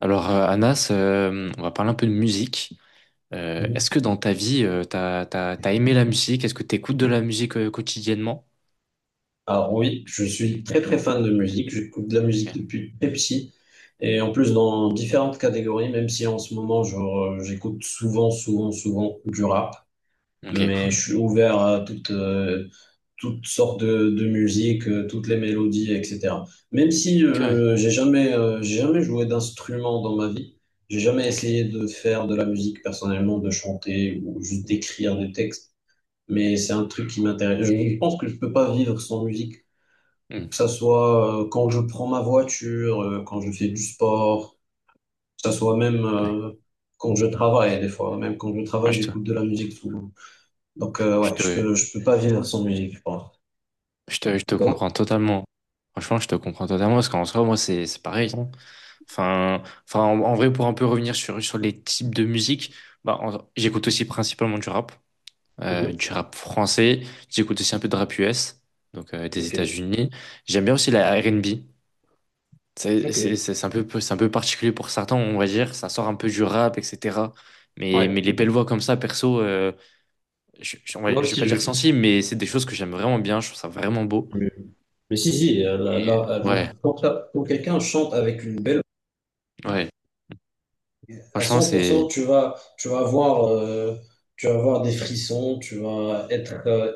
Alors, Anas, on va parler un peu de musique. Est-ce Mhm. que dans ta vie, t'as aimé la musique? Est-ce que t'écoutes de la musique quotidiennement? Alors oui, je suis très très fan de musique, j'écoute de la musique Ok. depuis très petit et en plus dans différentes catégories, même si en ce moment genre j'écoute souvent souvent souvent du rap, Ok, mais cool. je suis ouvert à toutes toutes sortes de musique, toutes les mélodies, etc. Même si Ok, ouais. J'ai jamais j'ai jamais joué d'instrument dans ma vie, j'ai jamais Ok. essayé de faire de la musique personnellement, de chanter ou juste d'écrire des textes, mais c'est un truc qui m'intéresse. Je pense que je peux pas vivre sans musique. Mm, Que ça soit quand je prends ma voiture, quand je fais du sport, que ça soit même ouais. euh, quand je travaille des fois, même quand je Moi, travaille, j'écoute de la musique souvent. Donc je ouais, je te, peux je peux pas vivre sans musique, je pense. je te Toi? comprends totalement. Franchement, je te comprends totalement parce qu'en soi, moi, c'est pareil, hein. Enfin, en vrai, pour un peu revenir sur les types de musique, bah, j'écoute aussi principalement du rap. Mhm. Du rap français. J'écoute aussi un peu de rap US, donc des Ok, États-Unis. J'aime bien aussi la R&B. C'est ok. c'est- c'est- c'est un peu, c'est un peu particulier pour certains, on va dire. Ça sort un peu du rap, etc. Mais Ouais, les belles voix comme ça, perso, je, je, on va- moi je vais pas aussi je dire kiffe. sensible, mais c'est des choses que j'aime vraiment bien. Je trouve ça vraiment beau. Mais, mais si, si, là, Et là, ouais, quand, ça- quand quelqu'un chante avec une belle... ouais. À Franchement, c'est 100%, tu vas avoir, tu vas avoir des frissons, tu vas être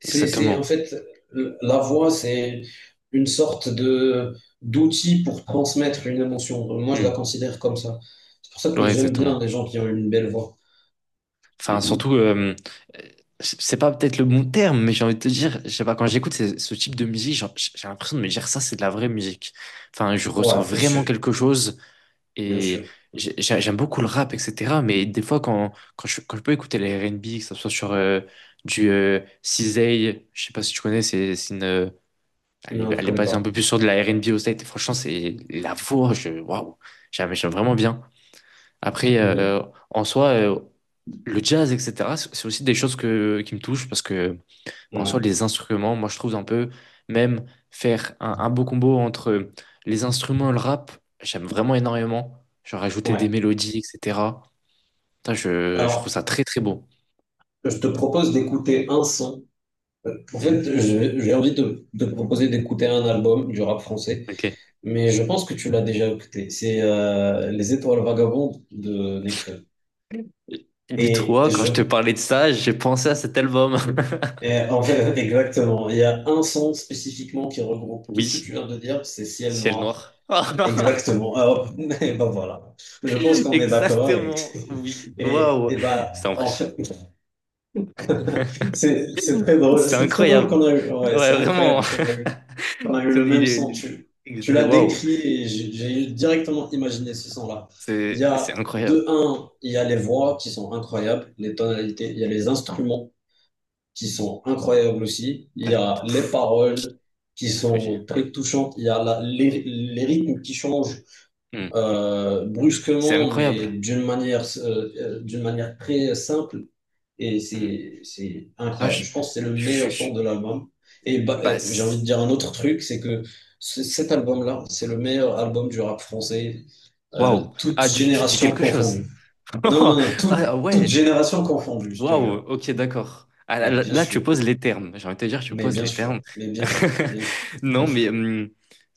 C'est, c'est, en exactement. fait, la voix, c'est une sorte de d'outil pour transmettre une émotion. Moi, je la Hmm. considère comme ça. C'est pour ça que Ouais, j'aime bien exactement. les gens qui ont une belle voix. Enfin, surtout, c'est pas peut-être le bon terme, mais j'ai envie de te dire, je sais pas, quand j'écoute ce type de musique, genre, j'ai l'impression de me dire ça, c'est de la vraie musique. Enfin, je ressens Ouais, bien vraiment sûr, quelque chose bien et sûr. J'aime beaucoup le rap, etc. Mais des fois, quand je peux écouter les R&B, que ce soit sur du CZA, je sais pas si tu connais, c'est une. Non, je Elle est connais basée un peu pas. plus sur de la R&B au States. Et franchement, c'est la voix, waouh, j'aime vraiment bien. Après, Mhm. En soi, le jazz, etc., c'est aussi des choses qui me touchent parce que, bon, en soi, Ouais, les instruments, moi, je trouve un peu, même faire un beau combo entre les instruments et le rap, j'aime vraiment énormément. Genre ajouter des ouais. mélodies, etc. Putain, je trouve Alors, ça très, très beau. je te propose d'écouter un son. En fait, Hmm. J'ai envie de te proposer d'écouter un album du rap français, Ok. mais je pense que tu l'as déjà écouté. C'est Les Étoiles Vagabondes de Nekfeu. Et Dis-toi, quand je te je, parlais de ça, j'ai pensé à cet album. Et en fait, exactement. Il y a un son spécifiquement qui regroupe tout ce que tu Oui, viens de dire, c'est Ciel ciel Noir. noir. Exactement. Ah, hop. Et ben voilà. Je pense qu'on est d'accord avec. Exactement, oui. Et, Waouh, et ben, c'est en impressionnant. fait, c'est très drôle. C'est C'est très drôle incroyable. qu'on a eu. Ouais, Ouais, c'est vraiment. incroyable qu'on a eu le Connais même son. les- Tu les- l'as Waouh, décrit et j'ai directement imaginé ce son-là. Il y c'est a, incroyable. de un, il y a les voix qui sont incroyables, les tonalités, il y a les instruments qui sont incroyables aussi. Il y T'as a les pff, paroles qui t'as tout dit. sont très touchantes. Il y a Mm. les rythmes qui changent Mm. C'est brusquement, mais incroyable. D'une manière très simple. Et Mm. C'est Ah, incroyable. Je pense que c'est le je, je- meilleur je- son de l'album. Et bah, bah, j'ai envie de dire un autre truc, c'est que cet album-là, c'est le meilleur album du rap français, waouh. toute Ah, tu dis génération quelque chose. confondue. Non, non, non, toute, Ah toute ouais. génération confondue, je te Waouh, jure. ok, d'accord. Ah, là, Mais là- bien là, tu sûr. poses les termes. J'ai envie de te dire, tu Mais poses bien les sûr, termes. mais bien sûr, bien sûr, Non, bien mais sûr. hum,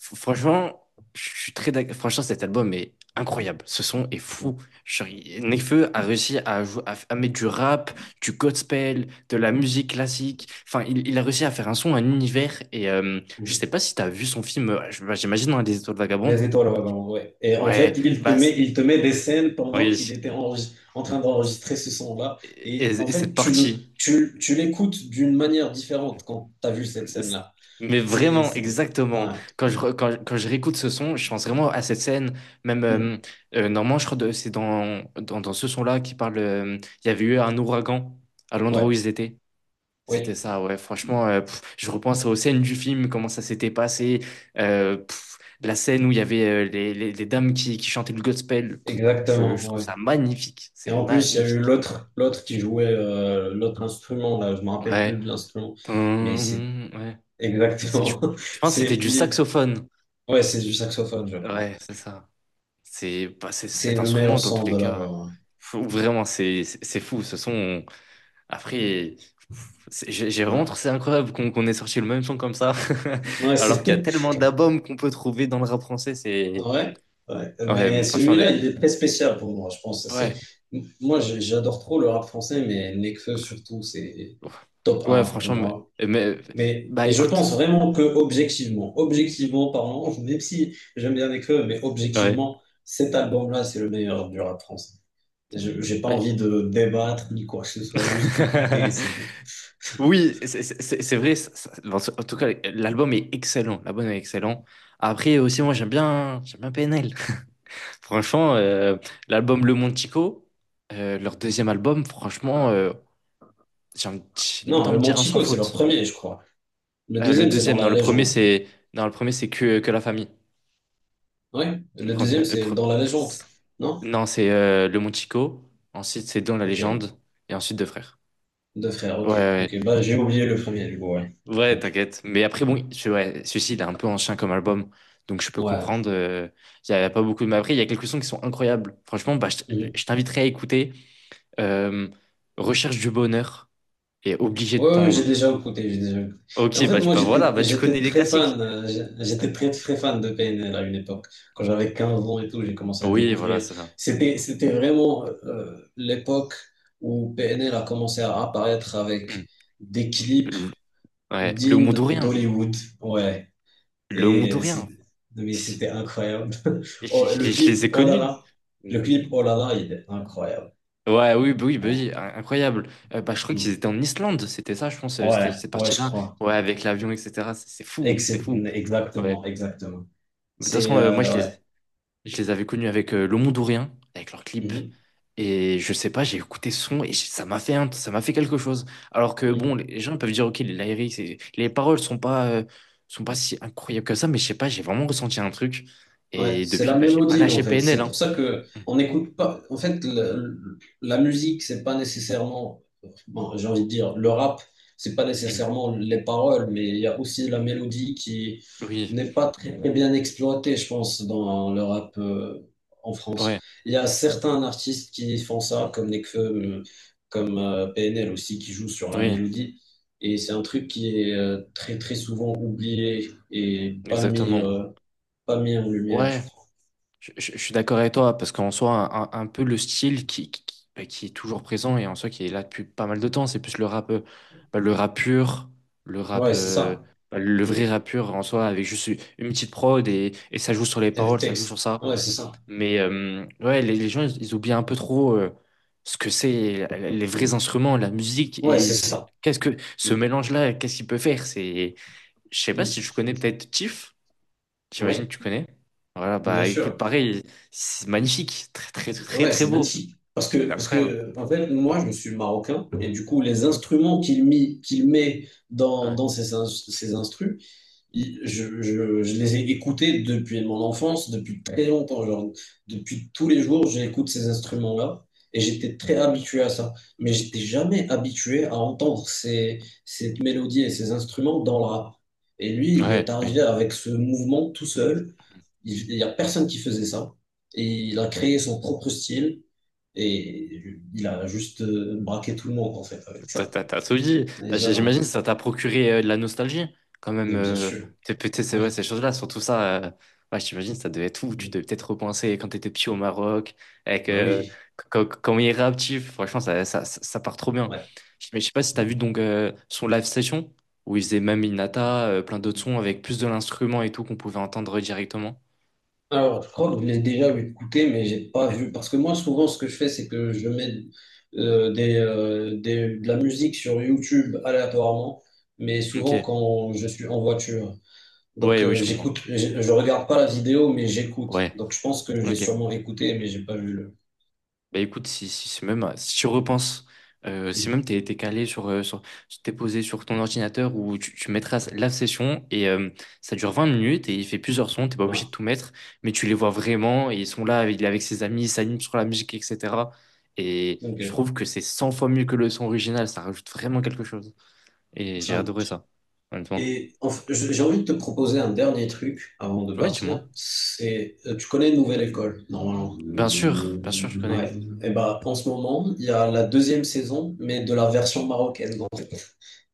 f- franchement, je suis très d'ac- Franchement, cet album est incroyable. Ce son est Oui. fou. Genre, Nekfeu a réussi à, jou- à, f- à mettre du rap, du gospel, de la musique classique. Enfin, il a réussi à faire un son, un univers. Et je sais Mhm. pas si tu as vu son film, bah, j'imagine, dans Les Étoiles Les Vagabondes. étoiles, ouais, vraiment, ouais. Et en Ouais, fait, il te met des scènes pendant oui. En train C'est- d'enregistrer ce son-là. Et, Et en et fait, cette partie. Tu l'écoutes d'une manière différente quand tu as vu cette scène-là. Mais C'est, vraiment, c'est- exactement. ouais. Quand je réécoute ce son, je pense vraiment à cette scène. Même, Mhm. Normalement, je crois que c'est dans ce son-là qui parle. Il y avait eu un ouragan à l'endroit où Ouais, ils étaient. C'était oui, ça, ouais. Franchement, je repense aux scènes du film, comment ça s'était passé. La scène où il y avait les dames qui chantaient le gospel. Je exactement, trouve ouais. ça magnifique. Et C'est en plus, il y a eu magnifique. L'autre qui jouait l'autre instrument, là, je me rappelle plus Ouais. de l'instrument, mais c'est Tum, ouais. C'est, je, exactement, je pense que c'était c'est, du il- saxophone. ouais, c'est du saxophone, je crois. Ouais, c'est ça. C'est bah, c'est- cet C'est le instrument, meilleur dans tous son les de cas, l'album. Vraiment, c'est fou. Ce son, après, j'ai vraiment Ouais, trouvé ça incroyable qu'on ait sorti le même son comme ça, ouais alors c'est qu'il y a tellement d'albums qu'on peut trouver dans le rap français. C'est ouais, ouais. Ouais, mais Mais franchement, celui-là, il est très spécial pour moi, je pense. C'est... ouais. Moi, j'adore trop le rap français, mais Nekfeu surtout, c'est Donc, top ouais, un pour franchement, moi. Mais- Mais bah, et je écoute, pense vraiment que objectivement, objectivement parlant, même si j'aime bien écrire, mais ouais. objectivement, cet album-là, c'est le meilleur du rap français. J'ai pas Bah. envie de débattre ni quoi que ce soit, juste écouter et c'est bon. Oui, c'est vrai. Bon, en tout cas, l'album est excellent. L'album est excellent. Après aussi, moi, j'aime bien PNL. Franchement, l'album Le Montico, leur deuxième album, franchement, j'ai limite Non, envie le de dire un sans Manchico, c'est leur faute. premier, je crois. Le Le deuxième, c'est dans deuxième, non, la le premier, légende. c'est non, le premier, c'est Que la famille. Oui, Le le premier- deuxième, le c'est pre- dans la légende. c'est- Non? Non, c'est Le Montico, ensuite c'est Dans la Ok. légende, et ensuite Deux frères. Deux frères, Ouais, ok. ouais, Ok, bah j'ai oublié le premier du coup, ouais. ouais, ouais, Ok. t'inquiète. Mais après, bon, ouais, celui-ci, il est un peu ancien comme album, donc je peux Ouais. comprendre. Y a pas beaucoup de… Mais après, il y a quelques sons qui sont incroyables. Franchement, bah, je Mhm. t'inviterai à écouter euh, Recherche du bonheur. Et obligé de Ouais, ouais, j'ai pendre. déjà écouté, j'ai déjà écouté. Mais en Ok, fait, bah, moi, bah voilà, bah tu j'étais connais les très classiques. fan, Ouais. j'étais très, très fan de PNL à une époque. Quand j'avais 15 ans et tout, j'ai commencé à Oui, voilà, découvrir. c'est ça. C'était vraiment l'époque où PNL a commencé à apparaître avec Hmm. des clips Le, ouais, le dignes Mondorien. d'Hollywood. Ouais. Le Et c'est, Mondorien. mais c'était incroyable. Je, Oh, je le les je clip, les ai oh là connus. là. Hmm. Le clip, oh là là, il est incroyable. Ouais, oui, bah oui, bah oui, incroyable. Bah, je crois qu'ils Hmm. étaient en Islande, c'était ça, je pense, c'était Ouais, cette ouais, je partie-là. crois. Ouais, avec l'avion, etc. C'est fou, Ex- c'est fou. Ouais. exactement, exactement. De toute C'est, façon, moi, ouais. je les avais connus avec Le Mondorien, avec leur clip. Mhm. Et je sais pas, j'ai écouté ce son et ça m'a fait quelque chose. Alors que bon, Hmm. les gens peuvent dire ok, les lyrics, les paroles sont pas si incroyables que ça, mais je sais pas, j'ai vraiment ressenti un truc. Ouais, Et c'est depuis, la bah, j'ai pas mélodie en lâché fait. PNL, C'est pour hein. ça que Mm, on n'écoute pas. En fait, la musique, c'est pas nécessairement. Bon, j'ai envie de dire, le rap, c'est pas mm. nécessairement les paroles, mais il y a aussi la mélodie qui Oui, n'est pas très, très bien exploitée, je pense, dans le rap en France. ouais, Il y a certains artistes qui font ça, comme Nekfeu, mm, comme PNL aussi, qui jouent sur la oui, mélodie. Et c'est un truc qui est très très souvent oublié et pas mis exactement. Pas mis en lumière, je Ouais, crois. je suis d'accord avec toi, parce qu'en soi, un peu le style qui bah, qui est toujours présent et en soi qui est là depuis pas mal de temps, c'est plus le rap, bah, le rap pur, le rap, Ouais, c'est euh, ça. bah, le Mm. vrai rap pur en soi, avec juste une petite prod et ça joue sur les Et des paroles, ça joue textes. sur ça. Ouais, c'est ça. Mais ouais, les gens, ils oublient un peu trop ce que c'est, les vrais instruments, la musique Ouais, et c'est ça. qu'est-ce que ce mélange-là, qu'est-ce qu'il peut faire? Je sais pas Mm. si je connais peut-être Tiff. J'imagine que Ouais, tu connais. Voilà, bien bah écoute, sûr. pareil, c'est magnifique, très très très Ouais, très c'est beau. magnifique. C'est Parce incroyable. que, en fait, moi, je suis marocain, et du coup, les Ouais, instruments qu'il met ouais, dans ces ses instrus, je les ai écoutés depuis mon ouais. enfance, depuis très longtemps. Genre, depuis tous les jours, j'écoute ces instruments-là et j'étais très habitué à ça. Mais j'étais jamais habitué à entendre cette mélodie et ces instruments dans le rap. Et lui, il Ouais, est oui. arrivé avec ce mouvement tout seul. Il n'y a personne qui faisait ça. Et il a créé son propre style et il a juste braqué tout le monde en fait avec T'as ça. t'as- t'as tout dit. Déjà là. J'imagine que ça t'a procuré de la nostalgie, quand même. Mais bien sûr, Peut-être, c'est oui. vrai, ces choses-là, surtout ça. Ouais, j'imagine que ça devait être fou. Tu devais peut-être repenser quand t'étais petit au Maroc, avec Bah oui, comment il est réactif. Franchement, ça part trop bien. ouais. Mais je sais pas si t'as vu donc son live session, où il faisait même Inata, plein d'autres sons avec plus de l'instrument et tout qu'on pouvait entendre directement. Alors, je crois que je l'ai déjà écouté, mais j'ai pas vu. Parce que moi, souvent, ce que je fais, c'est que je mets de la musique sur YouTube aléatoirement, mais souvent Ok. quand je suis en voiture. Ouais, Donc, oui, je comprends. j'écoute, je regarde pas la vidéo, mais j'écoute. Ouais. Donc, je pense que j'ai Ok. sûrement écouté, mais j'ai pas vu le. Bah écoute, si tu repenses, si Mm. même t'es calé sur, t'es posé sur ton ordinateur où tu mettras la session et ça dure 20 minutes et il fait plusieurs sons, t'es pas Ouais. obligé de tout mettre, mais tu les vois vraiment et ils sont là, il est avec ses amis, il s'anime sur la musique, etc. Et je Ok. trouve que c'est 100 fois mieux que le son original, ça rajoute vraiment quelque chose. Et j'ai Simple. adoré ça, honnêtement. Et en j'ai envie de te proposer un dernier truc avant de Ouais, dis-moi. partir. C'est, tu connais Nouvelle École, normalement. Bien sûr, je connais. Ouais. Et bah, en ce moment, il y a la deuxième saison, mais de la version marocaine, donc,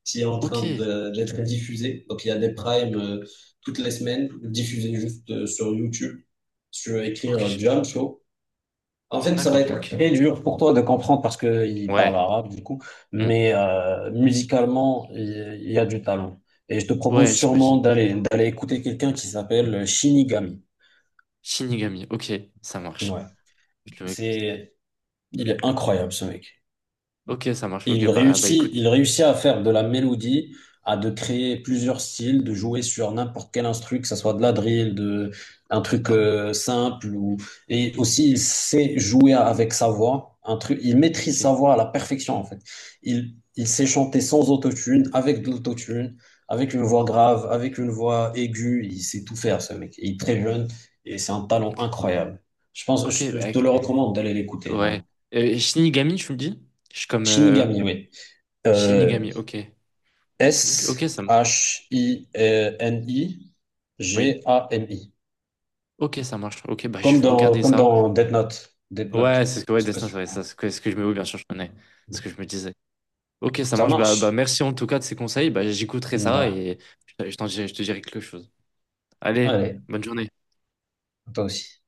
qui est en Ok, train d'être diffusée. Donc, il y a des primes toutes les semaines, diffusées juste sur YouTube. Si tu veux ok, écrire Jam Show. En fait, ça va d'accord, être ok. très dur pour toi de comprendre parce qu'il parle Ouais, arabe, du coup. hmm. Mais musicalement, il y a du talent. Et je te Ouais, propose j'imagine. sûrement d'aller écouter quelqu'un qui s'appelle Shinigami. Shinigami, ok, ça marche. Ouais. Je le mets comme ça. C'est, il est incroyable ce mec. Ok, ça marche, ok, bah, ah, bah Il écoute. réussit à faire de la mélodie, à de créer plusieurs styles, de jouer sur n'importe quel instru, que ça soit de la drill, de un truc Bah ouais, simple ou et aussi il sait jouer avec sa voix, un truc, il maîtrise ok, sa voix à la perfection en fait. Il sait chanter sans autotune, avec de l'autotune, avec une voix grave, avec une voix aiguë, il sait tout faire ce mec. Il est très jeune et c'est un talent ok. incroyable. Je pense, Ok, bah, je te le ok. recommande d'aller l'écouter, Ouais. vraiment. Shinigami, tu me dis? Je suis comme Shinigami, oui. Euh, Shinigami, ok. Ok, ok, ça me… Oui? S-H-I-N-I-G-A-M-I. Ok, ça marche. Ok, bah je vais regarder Comme ça. dans Death Note. Death Note. Ouais, c'est ce que, ouais, Je sais pas Destin, sûr. ouais, ça, c'est ce que je me… Oui, bien sûr, je connais. Ce que je me disais. Ok, ça Ça marche. Bah, bah marche? merci en tout cas de ces conseils. Bah, j'écouterai Mine de ça rien. et je te dirai quelque chose. Allez, Allez, bonne journée. toi aussi.